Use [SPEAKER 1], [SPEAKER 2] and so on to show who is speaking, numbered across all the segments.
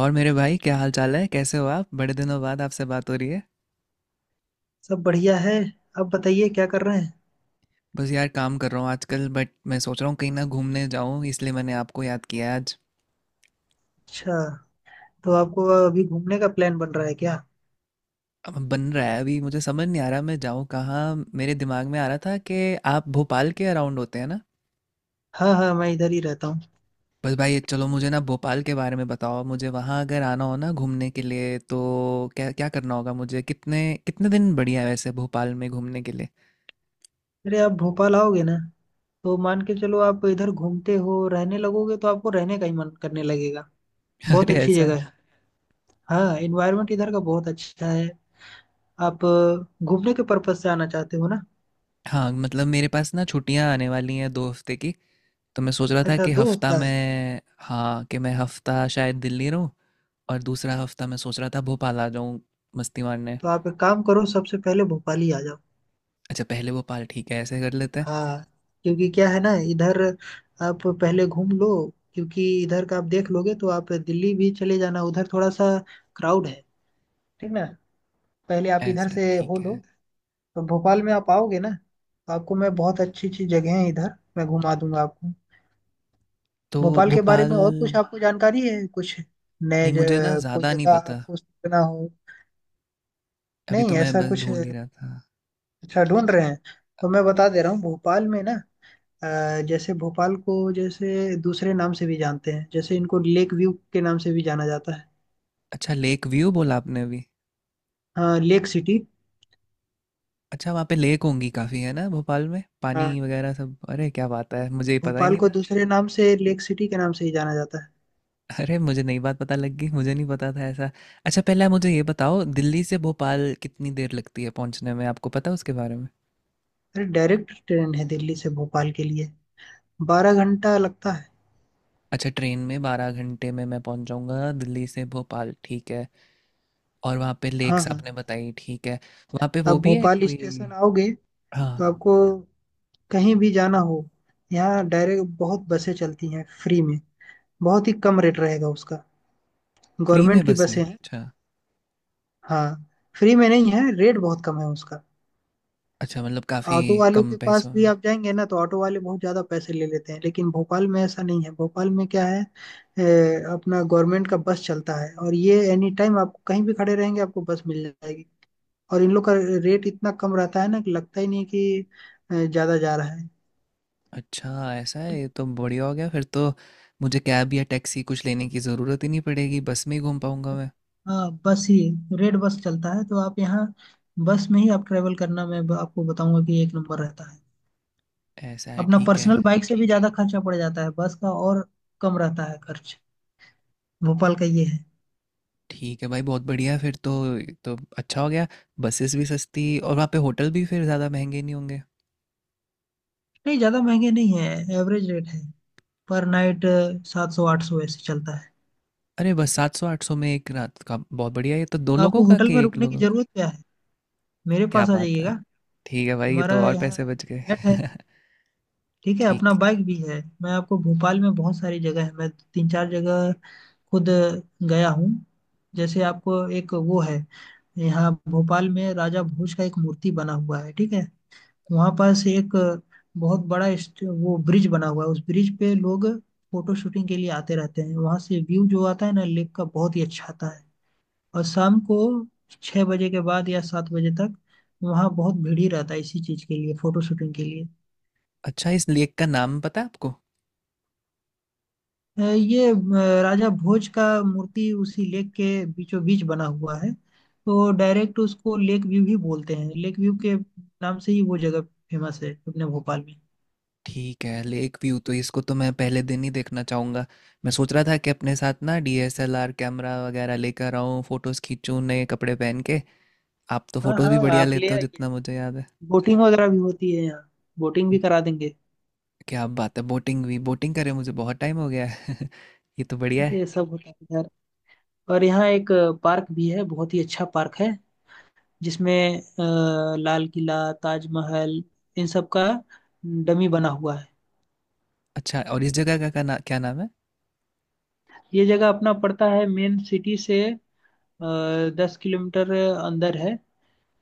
[SPEAKER 1] और मेरे भाई क्या हाल चाल है? कैसे हो आप? बड़े दिनों बाद आपसे बात हो रही है।
[SPEAKER 2] सब बढ़िया है। आप बताइए क्या कर रहे हैं।
[SPEAKER 1] बस यार काम कर रहा हूँ आजकल, बट मैं सोच रहा हूँ कहीं ना घूमने जाऊँ, इसलिए मैंने आपको याद किया आज।
[SPEAKER 2] अच्छा, तो आपको अभी घूमने का प्लान बन रहा है क्या?
[SPEAKER 1] अब बन रहा है, अभी मुझे समझ नहीं आ रहा मैं जाऊँ कहाँ। मेरे दिमाग में आ रहा था कि आप भोपाल के अराउंड होते हैं ना।
[SPEAKER 2] हाँ हाँ, मैं इधर ही रहता हूँ।
[SPEAKER 1] बस भाई चलो, मुझे ना भोपाल के बारे में बताओ। मुझे वहाँ अगर आना हो ना घूमने के लिए तो क्या क्या करना होगा? मुझे कितने कितने दिन बढ़िया है वैसे भोपाल में घूमने के लिए?
[SPEAKER 2] अरे आप भोपाल आओगे ना, तो मान के चलो, आप इधर घूमते हो रहने लगोगे तो आपको रहने का ही मन करने लगेगा। बहुत
[SPEAKER 1] अरे
[SPEAKER 2] अच्छी
[SPEAKER 1] ऐसा है।
[SPEAKER 2] जगह है। हाँ, एनवायरनमेंट इधर का बहुत अच्छा है। आप घूमने के पर्पज से आना चाहते हो ना।
[SPEAKER 1] हाँ मतलब मेरे पास ना छुट्टियाँ आने वाली हैं दो हफ्ते की। तो मैं सोच रहा था
[SPEAKER 2] अच्छा,
[SPEAKER 1] कि
[SPEAKER 2] दो
[SPEAKER 1] हफ्ता
[SPEAKER 2] हफ्ता है।
[SPEAKER 1] में, हाँ, कि मैं हफ्ता शायद दिल्ली रहूँ। और दूसरा हफ्ता मैं सोच रहा था भोपाल आ जाऊँ मस्ती मारने।
[SPEAKER 2] तो आप एक काम करो, सबसे पहले भोपाल ही आ जाओ।
[SPEAKER 1] अच्छा, पहले भोपाल, ठीक है, ऐसे कर लेते हैं।
[SPEAKER 2] हाँ। क्योंकि क्या है ना इधर, आप पहले घूम लो। क्योंकि इधर का आप देख लोगे तो आप दिल्ली भी चले जाना, उधर थोड़ा सा क्राउड है। ठीक ना। पहले आप इधर
[SPEAKER 1] ऐसा
[SPEAKER 2] से हो
[SPEAKER 1] ठीक
[SPEAKER 2] लो।
[SPEAKER 1] है।
[SPEAKER 2] तो भोपाल में आप आओगे ना, तो आपको मैं, बहुत अच्छी अच्छी जगह है इधर, मैं घुमा दूंगा आपको।
[SPEAKER 1] तो
[SPEAKER 2] भोपाल के बारे
[SPEAKER 1] भोपाल
[SPEAKER 2] में और कुछ आपको जानकारी है कुछ?
[SPEAKER 1] नहीं, मुझे ना
[SPEAKER 2] कोई
[SPEAKER 1] ज़्यादा नहीं
[SPEAKER 2] जगह
[SPEAKER 1] पता।
[SPEAKER 2] आपको सोचना हो।
[SPEAKER 1] अभी तो
[SPEAKER 2] नहीं
[SPEAKER 1] मैं
[SPEAKER 2] ऐसा
[SPEAKER 1] बस
[SPEAKER 2] कुछ
[SPEAKER 1] ढूंढ ही
[SPEAKER 2] अच्छा।
[SPEAKER 1] रहा था।
[SPEAKER 2] ढूंढ रहे हैं। तो मैं बता दे रहा हूँ भोपाल में ना। अ, जैसे भोपाल को जैसे दूसरे नाम से भी जानते हैं, जैसे इनको लेक व्यू के नाम से भी जाना जाता है।
[SPEAKER 1] अच्छा लेक व्यू बोला आपने अभी।
[SPEAKER 2] हाँ, लेक सिटी।
[SPEAKER 1] अच्छा, वहाँ पे लेक होंगी काफ़ी है ना भोपाल में? पानी
[SPEAKER 2] हाँ।
[SPEAKER 1] वगैरह सब? अरे क्या बात है, मुझे ही पता ही
[SPEAKER 2] भोपाल
[SPEAKER 1] नहीं।
[SPEAKER 2] को दूसरे नाम से लेक सिटी के नाम से ही जाना जाता है।
[SPEAKER 1] अरे! मुझे नई बात पता लग गई, मुझे नहीं पता था ऐसा। अच्छा पहले आप मुझे ये बताओ दिल्ली से भोपाल कितनी देर लगती है पहुँचने में, आपको पता है उसके बारे में?
[SPEAKER 2] अरे डायरेक्ट ट्रेन है दिल्ली से भोपाल के लिए, 12 घंटा लगता है।
[SPEAKER 1] अच्छा ट्रेन में 12 घंटे में मैं पहुँच जाऊँगा दिल्ली से भोपाल, ठीक है। और वहाँ पे
[SPEAKER 2] हाँ
[SPEAKER 1] लेक्स
[SPEAKER 2] हाँ।
[SPEAKER 1] आपने बताई, ठीक है। वहाँ पे
[SPEAKER 2] आप
[SPEAKER 1] वो भी है
[SPEAKER 2] भोपाल
[SPEAKER 1] कोई?
[SPEAKER 2] स्टेशन आओगे,
[SPEAKER 1] हाँ,
[SPEAKER 2] तो आपको कहीं भी जाना हो, यहाँ डायरेक्ट बहुत बसें चलती हैं फ्री में। बहुत ही कम रेट रहेगा उसका,
[SPEAKER 1] फ्री में
[SPEAKER 2] गवर्नमेंट की
[SPEAKER 1] बस है?
[SPEAKER 2] बसें हैं।
[SPEAKER 1] अच्छा।
[SPEAKER 2] हाँ, फ्री में नहीं है, रेट बहुत कम है उसका।
[SPEAKER 1] अच्छा मतलब काफ़ी
[SPEAKER 2] ऑटो वालों
[SPEAKER 1] कम
[SPEAKER 2] के पास
[SPEAKER 1] पैसों
[SPEAKER 2] भी
[SPEAKER 1] में।
[SPEAKER 2] आप जाएंगे ना तो ऑटो वाले बहुत ज़्यादा पैसे ले लेते हैं, लेकिन भोपाल में ऐसा नहीं है। भोपाल में क्या है, अपना गवर्नमेंट का बस चलता है, और ये एनी टाइम आप कहीं भी खड़े रहेंगे आपको बस मिल जाएगी। और इन लोग का रेट इतना कम रहता है ना कि लगता ही नहीं कि ज़्यादा जा रहा है।
[SPEAKER 1] अच्छा ऐसा है, ये तो बढ़िया हो गया फिर तो। मुझे कैब या टैक्सी कुछ लेने की ज़रूरत ही नहीं पड़ेगी, बस में ही घूम पाऊँगा मैं।
[SPEAKER 2] हाँ, बस ही, रेड बस चलता है तो आप यहाँ बस में ही आप ट्रेवल करना, मैं आपको बताऊंगा कि एक नंबर रहता है।
[SPEAKER 1] ऐसा है,
[SPEAKER 2] अपना
[SPEAKER 1] ठीक है।
[SPEAKER 2] पर्सनल बाइक से भी ज़्यादा खर्चा पड़ जाता है बस का, और कम रहता है खर्च। भोपाल का ये है।
[SPEAKER 1] ठीक है भाई बहुत बढ़िया है फिर तो। तो अच्छा हो गया। बसेस भी सस्ती और वहाँ पे होटल भी फिर ज़्यादा महंगे नहीं होंगे।
[SPEAKER 2] नहीं, ज्यादा महंगे नहीं है। एवरेज रेट है पर नाइट 700 800 ऐसे चलता है।
[SPEAKER 1] अरे बस सात सौ आठ सौ में एक रात का बहुत बढ़िया है। ये तो दो
[SPEAKER 2] तो
[SPEAKER 1] लोगों
[SPEAKER 2] आपको
[SPEAKER 1] का
[SPEAKER 2] होटल में
[SPEAKER 1] कि एक
[SPEAKER 2] रुकने की
[SPEAKER 1] लोगों का?
[SPEAKER 2] जरूरत क्या है, मेरे
[SPEAKER 1] क्या
[SPEAKER 2] पास आ
[SPEAKER 1] बात
[SPEAKER 2] जाइएगा।
[SPEAKER 1] है। ठीक है भाई, ये
[SPEAKER 2] हमारा
[SPEAKER 1] तो और
[SPEAKER 2] यहाँ
[SPEAKER 1] पैसे बच
[SPEAKER 2] फ्लैट है।
[SPEAKER 1] गए।
[SPEAKER 2] ठीक है, अपना
[SPEAKER 1] ठीक।
[SPEAKER 2] बाइक भी है। मैं आपको भोपाल में बहुत सारी जगह है, मैं तीन चार जगह खुद गया हूँ। जैसे आपको एक वो है, यहाँ भोपाल में राजा भोज का एक मूर्ति बना हुआ है, ठीक है। वहां पास एक बहुत बड़ा वो ब्रिज बना हुआ है, उस ब्रिज पे लोग फोटो शूटिंग के लिए आते रहते हैं। वहां से व्यू जो आता है ना लेक का, बहुत ही अच्छा आता है। और शाम को 6 बजे के बाद या 7 बजे तक, वहाँ बहुत भीड़ ही रहता है इसी चीज के लिए, फोटो शूटिंग के लिए।
[SPEAKER 1] अच्छा इस लेक का नाम पता है आपको?
[SPEAKER 2] ये राजा भोज का मूर्ति उसी लेक के बीचों बीच बना हुआ है, तो डायरेक्ट उसको लेक व्यू ही बोलते हैं। लेक व्यू के नाम से ही वो जगह फेमस है अपने भोपाल में।
[SPEAKER 1] ठीक है लेक व्यू, तो इसको तो मैं पहले दिन ही देखना चाहूँगा। मैं सोच रहा था कि अपने साथ ना डीएसएलआर कैमरा वगैरह लेकर आऊँ, फोटोज़ खींचूँ नए कपड़े पहन के। आप तो
[SPEAKER 2] हाँ
[SPEAKER 1] फोटोज़ भी
[SPEAKER 2] हाँ,
[SPEAKER 1] बढ़िया
[SPEAKER 2] आप ले
[SPEAKER 1] लेते हो
[SPEAKER 2] आइए।
[SPEAKER 1] जितना मुझे याद
[SPEAKER 2] बोटिंग वगैरह भी होती है यहाँ, बोटिंग
[SPEAKER 1] है।
[SPEAKER 2] भी करा देंगे।
[SPEAKER 1] क्या बात है, बोटिंग भी! बोटिंग करे मुझे बहुत टाइम हो गया है। ये तो बढ़िया है।
[SPEAKER 2] ये सब होता है इधर। और यहाँ एक पार्क भी है, बहुत ही अच्छा पार्क है, जिसमें लाल किला, ताजमहल, इन सब का डमी बना हुआ है।
[SPEAKER 1] अच्छा और इस जगह का क्या नाम है?
[SPEAKER 2] ये जगह अपना पड़ता है मेन सिटी से 10 किलोमीटर अंदर है।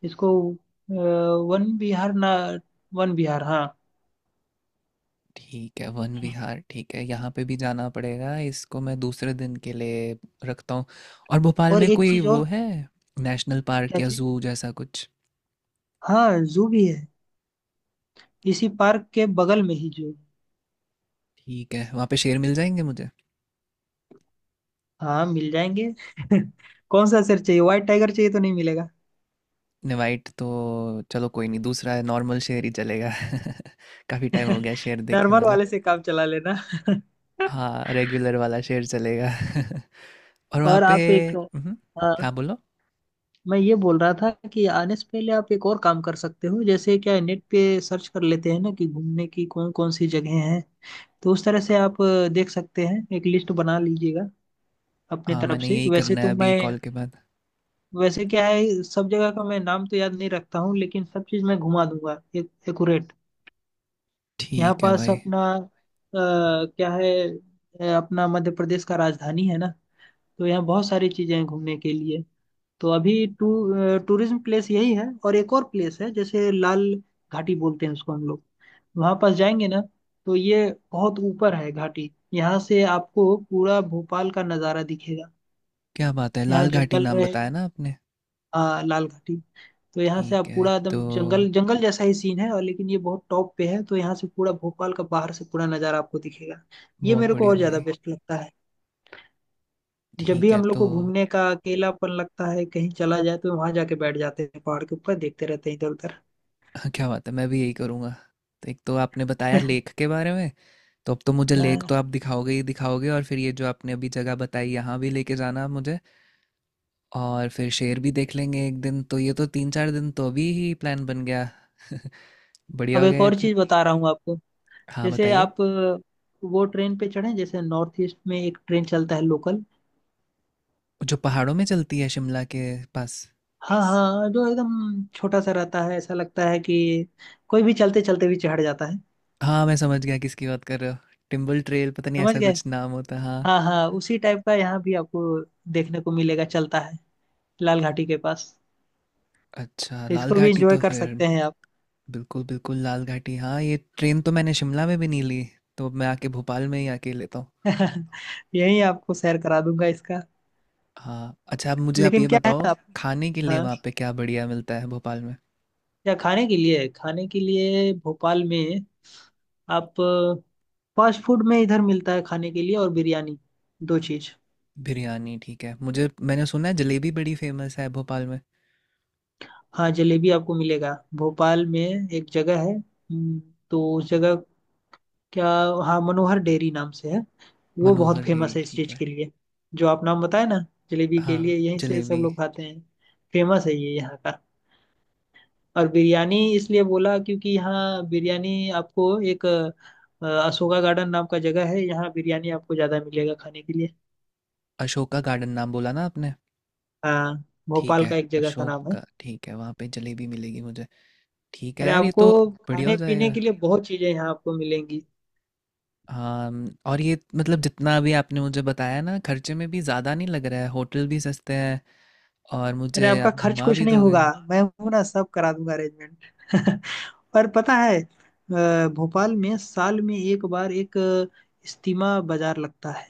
[SPEAKER 2] इसको वन विहार ना, वन विहार, हाँ।
[SPEAKER 1] ठीक है वन विहार, ठीक है, यहाँ पे भी जाना पड़ेगा, इसको मैं दूसरे दिन के लिए रखता हूँ। और भोपाल
[SPEAKER 2] और
[SPEAKER 1] में
[SPEAKER 2] एक
[SPEAKER 1] कोई
[SPEAKER 2] चीज
[SPEAKER 1] वो
[SPEAKER 2] और।
[SPEAKER 1] है, नेशनल पार्क
[SPEAKER 2] क्या
[SPEAKER 1] या
[SPEAKER 2] चीज?
[SPEAKER 1] जू जैसा कुछ?
[SPEAKER 2] हाँ, जू भी है, इसी पार्क के बगल में ही जू।
[SPEAKER 1] ठीक है वहाँ पे शेर मिल जाएंगे मुझे।
[SPEAKER 2] हाँ, मिल जाएंगे। कौन सा सर चाहिए, व्हाइट टाइगर चाहिए तो नहीं मिलेगा।
[SPEAKER 1] वाइट तो, चलो कोई नहीं, दूसरा है, नॉर्मल शेर ही चलेगा। काफ़ी टाइम हो गया शेर देखे
[SPEAKER 2] नॉर्मल
[SPEAKER 1] मुझे।
[SPEAKER 2] वाले से काम चला लेना।
[SPEAKER 1] हाँ रेगुलर वाला शेर चलेगा। और वहाँ
[SPEAKER 2] और
[SPEAKER 1] पे,
[SPEAKER 2] आप एक,
[SPEAKER 1] हम्म,
[SPEAKER 2] आ,
[SPEAKER 1] हाँ बोलो।
[SPEAKER 2] मैं ये बोल रहा था कि आने से पहले आप एक और काम कर सकते हो, जैसे क्या है, नेट पे सर्च कर लेते हैं ना कि घूमने की कौन कौन सी जगह हैं। तो उस तरह से आप देख सकते हैं, एक लिस्ट बना लीजिएगा अपने
[SPEAKER 1] हाँ
[SPEAKER 2] तरफ
[SPEAKER 1] मैंने
[SPEAKER 2] से।
[SPEAKER 1] यही
[SPEAKER 2] वैसे
[SPEAKER 1] करना है
[SPEAKER 2] तो
[SPEAKER 1] अभी
[SPEAKER 2] मैं,
[SPEAKER 1] कॉल के बाद।
[SPEAKER 2] वैसे क्या है, सब जगह का मैं नाम तो याद नहीं रखता हूँ, लेकिन सब चीज़ मैं घुमा दूंगा एक एक्यूरेट। यहाँ
[SPEAKER 1] ठीक है
[SPEAKER 2] पास
[SPEAKER 1] भाई।
[SPEAKER 2] अपना क्या है, अपना मध्य प्रदेश का राजधानी है ना, तो यहाँ बहुत सारी चीजें हैं घूमने के लिए। तो अभी टू टूरिज्म प्लेस यही है। और एक और प्लेस है, जैसे लाल घाटी बोलते हैं उसको हम लोग, वहाँ पास जाएंगे ना तो ये बहुत ऊपर है घाटी, यहाँ से आपको पूरा भोपाल का नज़ारा दिखेगा,
[SPEAKER 1] क्या बात है
[SPEAKER 2] यहाँ
[SPEAKER 1] लाल घाटी
[SPEAKER 2] जंगल
[SPEAKER 1] नाम बताया
[SPEAKER 2] रहेगा।
[SPEAKER 1] ना आपने?
[SPEAKER 2] हाँ, लाल घाटी। तो यहाँ से
[SPEAKER 1] ठीक
[SPEAKER 2] आप
[SPEAKER 1] है
[SPEAKER 2] पूरा
[SPEAKER 1] तो।
[SPEAKER 2] एकदम जंगल जंगल जैसा ही सीन है, और लेकिन ये बहुत टॉप पे है तो यहाँ से पूरा भोपाल का बाहर से पूरा नज़ारा आपको दिखेगा। ये
[SPEAKER 1] बहुत
[SPEAKER 2] मेरे को
[SPEAKER 1] बढ़िया
[SPEAKER 2] और ज़्यादा
[SPEAKER 1] भाई।
[SPEAKER 2] बेस्ट लगता है। जब भी
[SPEAKER 1] ठीक है
[SPEAKER 2] हम लोग
[SPEAKER 1] तो।
[SPEAKER 2] को घूमने का अकेलापन लगता है कहीं चला जाए तो वहां जाके बैठ जाते हैं, पहाड़ के ऊपर देखते रहते हैं इधर उधर।
[SPEAKER 1] हाँ, क्या बात है, मैं भी यही करूँगा। तो एक तो आपने बताया लेक के बारे में, तो अब तो मुझे लेक
[SPEAKER 2] हाँ।
[SPEAKER 1] तो आप दिखाओगे ही दिखाओगे, और फिर ये जो आपने अभी जगह बताई यहाँ भी लेके जाना आप मुझे। और फिर शेर भी देख लेंगे एक दिन, तो ये तो तीन चार दिन तो अभी ही प्लान बन गया। बढ़िया
[SPEAKER 2] अब
[SPEAKER 1] हो
[SPEAKER 2] एक
[SPEAKER 1] गया ये
[SPEAKER 2] और
[SPEAKER 1] तो।
[SPEAKER 2] चीज बता रहा हूँ आपको।
[SPEAKER 1] हाँ
[SPEAKER 2] जैसे
[SPEAKER 1] बताइए।
[SPEAKER 2] आप वो ट्रेन पे चढ़े, जैसे नॉर्थ ईस्ट में एक ट्रेन चलता है लोकल।
[SPEAKER 1] जो पहाड़ों में चलती है शिमला के पास?
[SPEAKER 2] हाँ हाँ, जो एकदम छोटा सा रहता है, ऐसा लगता है कि कोई भी चलते चलते भी चढ़ जाता है।
[SPEAKER 1] हाँ मैं समझ गया किसकी बात कर रहे हो। टिम्बल ट्रेल, पता नहीं
[SPEAKER 2] समझ
[SPEAKER 1] ऐसा
[SPEAKER 2] गए।
[SPEAKER 1] कुछ नाम होता है, हाँ।
[SPEAKER 2] हाँ हाँ, उसी टाइप का यहाँ भी आपको देखने को मिलेगा, चलता है लाल घाटी के पास।
[SPEAKER 1] अच्छा
[SPEAKER 2] तो
[SPEAKER 1] लाल
[SPEAKER 2] इसको भी
[SPEAKER 1] घाटी,
[SPEAKER 2] एंजॉय
[SPEAKER 1] तो
[SPEAKER 2] कर
[SPEAKER 1] फिर।
[SPEAKER 2] सकते हैं आप।
[SPEAKER 1] बिल्कुल बिल्कुल, लाल घाटी, हाँ। ये ट्रेन तो मैंने शिमला में भी नहीं ली, तो मैं आके भोपाल में ही आके लेता हूँ।
[SPEAKER 2] यही आपको सैर करा दूंगा इसका।
[SPEAKER 1] हाँ अच्छा अब मुझे आप
[SPEAKER 2] लेकिन
[SPEAKER 1] ये
[SPEAKER 2] क्या है
[SPEAKER 1] बताओ,
[SPEAKER 2] ना आप।
[SPEAKER 1] खाने के लिए
[SPEAKER 2] हाँ,
[SPEAKER 1] वहाँ पे क्या बढ़िया मिलता है भोपाल में?
[SPEAKER 2] क्या खाने के लिए, खाने के लिए भोपाल में आप फास्ट फूड में इधर मिलता है खाने के लिए, और बिरयानी, दो चीज।
[SPEAKER 1] बिरयानी ठीक है मुझे। मैंने सुना है जलेबी बड़ी फेमस है भोपाल में।
[SPEAKER 2] हाँ, जलेबी आपको मिलेगा। भोपाल में एक जगह है, तो उस जगह, क्या, हाँ मनोहर डेयरी नाम से है, वो
[SPEAKER 1] मनोहर
[SPEAKER 2] बहुत फेमस
[SPEAKER 1] डेयरी,
[SPEAKER 2] है इस
[SPEAKER 1] ठीक
[SPEAKER 2] चीज
[SPEAKER 1] है।
[SPEAKER 2] के लिए। जो आप नाम बताए ना, जलेबी के
[SPEAKER 1] हाँ
[SPEAKER 2] लिए यहीं से सब
[SPEAKER 1] जलेबी।
[SPEAKER 2] लोग खाते हैं। फेमस है ये यहाँ का। और बिरयानी इसलिए बोला क्योंकि यहाँ बिरयानी आपको एक अशोका गार्डन नाम का जगह है, यहाँ बिरयानी आपको ज्यादा मिलेगा खाने के लिए।
[SPEAKER 1] अशोका गार्डन नाम बोला ना आपने?
[SPEAKER 2] हाँ,
[SPEAKER 1] ठीक
[SPEAKER 2] भोपाल
[SPEAKER 1] है।
[SPEAKER 2] का एक जगह का नाम है।
[SPEAKER 1] ठीक है, वहाँ पे जलेबी मिलेगी मुझे। ठीक है
[SPEAKER 2] अरे
[SPEAKER 1] यार ये
[SPEAKER 2] आपको
[SPEAKER 1] तो बढ़िया
[SPEAKER 2] खाने
[SPEAKER 1] हो
[SPEAKER 2] पीने
[SPEAKER 1] जाएगा।
[SPEAKER 2] के लिए बहुत चीजें यहाँ आपको मिलेंगी।
[SPEAKER 1] हाँ, और ये मतलब जितना भी आपने मुझे बताया ना, खर्चे में भी ज़्यादा नहीं लग रहा है, होटल भी सस्ते हैं, और
[SPEAKER 2] अरे
[SPEAKER 1] मुझे
[SPEAKER 2] आपका
[SPEAKER 1] आप
[SPEAKER 2] खर्च
[SPEAKER 1] घुमा
[SPEAKER 2] कुछ
[SPEAKER 1] भी
[SPEAKER 2] नहीं
[SPEAKER 1] दोगे।
[SPEAKER 2] होगा, मैं हूं ना, सब करा दूंगा अरेंजमेंट। पर पता है भोपाल में साल में एक बार एक इस्तीमा बाजार लगता है।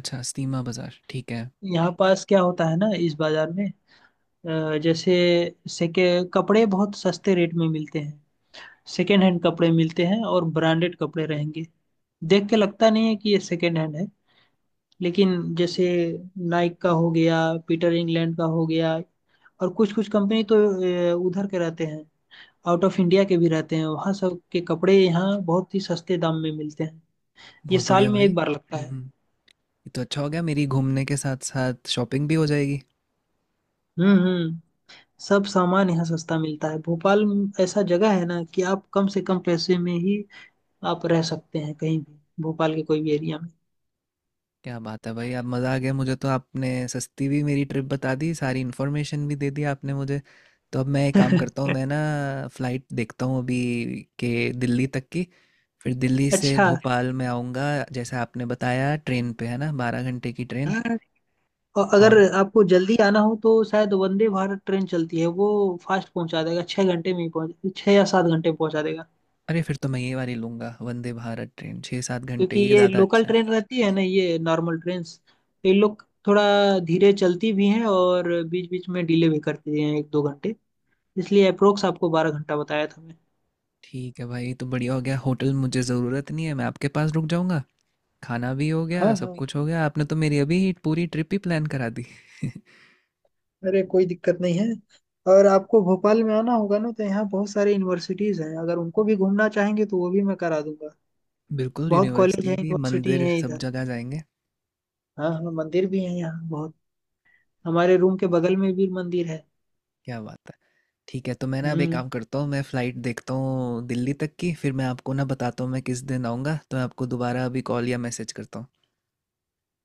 [SPEAKER 1] अच्छा स्टीमा बाज़ार, ठीक है।
[SPEAKER 2] यहाँ पास क्या होता है ना इस बाजार में, जैसे सेके कपड़े बहुत सस्ते रेट में मिलते हैं, सेकेंड हैंड कपड़े मिलते हैं और ब्रांडेड कपड़े रहेंगे, देख के लगता नहीं है कि ये सेकेंड हैंड है। लेकिन जैसे नाइक का हो गया, पीटर इंग्लैंड का हो गया, और कुछ कुछ कंपनी तो उधर के रहते हैं, आउट ऑफ इंडिया के भी रहते हैं, वहाँ सब के कपड़े यहाँ बहुत ही सस्ते दाम में मिलते हैं। ये
[SPEAKER 1] बहुत
[SPEAKER 2] साल
[SPEAKER 1] बढ़िया
[SPEAKER 2] में
[SPEAKER 1] भाई।
[SPEAKER 2] एक बार लगता है।
[SPEAKER 1] हम्म। ये तो अच्छा हो गया, मेरी घूमने के साथ साथ शॉपिंग भी हो जाएगी।
[SPEAKER 2] हम्म। सब सामान यहाँ सस्ता मिलता है भोपाल में। ऐसा जगह है ना कि आप कम से कम पैसे में ही आप रह सकते हैं कहीं भी भोपाल के कोई भी एरिया में।
[SPEAKER 1] क्या बात है भाई! अब मज़ा आ गया, मुझे तो आपने सस्ती भी मेरी ट्रिप बता दी, सारी इन्फॉर्मेशन भी दे दी आपने मुझे। तो अब मैं एक काम करता हूँ, मैं ना फ़्लाइट देखता हूँ अभी के दिल्ली तक की, फिर दिल्ली से
[SPEAKER 2] अच्छा।
[SPEAKER 1] भोपाल में आऊँगा जैसा आपने बताया ट्रेन पे, है ना? 12 घंटे की ट्रेन।
[SPEAKER 2] हाँ, और अगर
[SPEAKER 1] और
[SPEAKER 2] आपको जल्दी आना हो तो शायद वंदे भारत ट्रेन चलती है, वो फास्ट पहुंचा देगा 6 घंटे में ही पहुंच, 6 या 7 घंटे में पहुंचा देगा।
[SPEAKER 1] अरे! फिर तो मैं ये वाली लूँगा वंदे भारत ट्रेन, 6-7 घंटे,
[SPEAKER 2] क्योंकि
[SPEAKER 1] ये
[SPEAKER 2] ये
[SPEAKER 1] ज़्यादा
[SPEAKER 2] लोकल
[SPEAKER 1] अच्छा है।
[SPEAKER 2] ट्रेन रहती है ना, ये नॉर्मल ट्रेन, ये लोग थोड़ा धीरे चलती भी हैं और बीच बीच में डिले भी करती हैं एक दो घंटे, इसलिए अप्रोक्स आपको 12 घंटा बताया था मैं।
[SPEAKER 1] ठीक है भाई, ये तो बढ़िया हो गया, होटल मुझे ज़रूरत नहीं है, मैं आपके पास रुक जाऊँगा। खाना भी हो गया,
[SPEAKER 2] हाँ
[SPEAKER 1] सब
[SPEAKER 2] हाँ।
[SPEAKER 1] कुछ हो गया, आपने तो मेरी अभी पूरी ट्रिप ही प्लान करा दी।
[SPEAKER 2] अरे कोई दिक्कत नहीं है, और आपको भोपाल में आना होगा ना तो यहाँ बहुत सारे यूनिवर्सिटीज हैं, अगर उनको भी घूमना चाहेंगे तो वो भी मैं करा दूंगा।
[SPEAKER 1] बिल्कुल,
[SPEAKER 2] बहुत कॉलेज
[SPEAKER 1] यूनिवर्सिटी
[SPEAKER 2] है,
[SPEAKER 1] भी,
[SPEAKER 2] यूनिवर्सिटी
[SPEAKER 1] मंदिर,
[SPEAKER 2] है
[SPEAKER 1] सब
[SPEAKER 2] इधर।
[SPEAKER 1] जगह जाएँगे।
[SPEAKER 2] हाँ हाँ, मंदिर भी है यहाँ बहुत, हमारे रूम के बगल में भी मंदिर है।
[SPEAKER 1] क्या बात है! ठीक है, तो मैं ना अब एक
[SPEAKER 2] हम्म।
[SPEAKER 1] काम करता हूँ, मैं फ़्लाइट देखता हूँ दिल्ली तक की, फिर मैं आपको ना बताता हूँ मैं किस दिन आऊँगा, तो मैं आपको दोबारा अभी कॉल या मैसेज करता हूँ।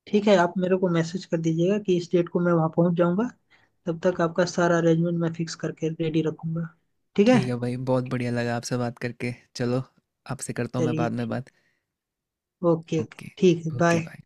[SPEAKER 2] ठीक है, आप मेरे को मैसेज कर दीजिएगा कि इस डेट को मैं वहाँ पहुँच जाऊँगा, तब तक आपका सारा अरेंजमेंट मैं फिक्स करके रेडी रखूंगा। ठीक है।
[SPEAKER 1] ठीक है भाई, बहुत बढ़िया लगा आपसे बात करके। चलो, आपसे करता हूँ मैं
[SPEAKER 2] चलिए
[SPEAKER 1] बाद में
[SPEAKER 2] ठीक,
[SPEAKER 1] बात।
[SPEAKER 2] ओके ओके,
[SPEAKER 1] ओके,
[SPEAKER 2] ठीक है,
[SPEAKER 1] ओके,
[SPEAKER 2] बाय।
[SPEAKER 1] बाय।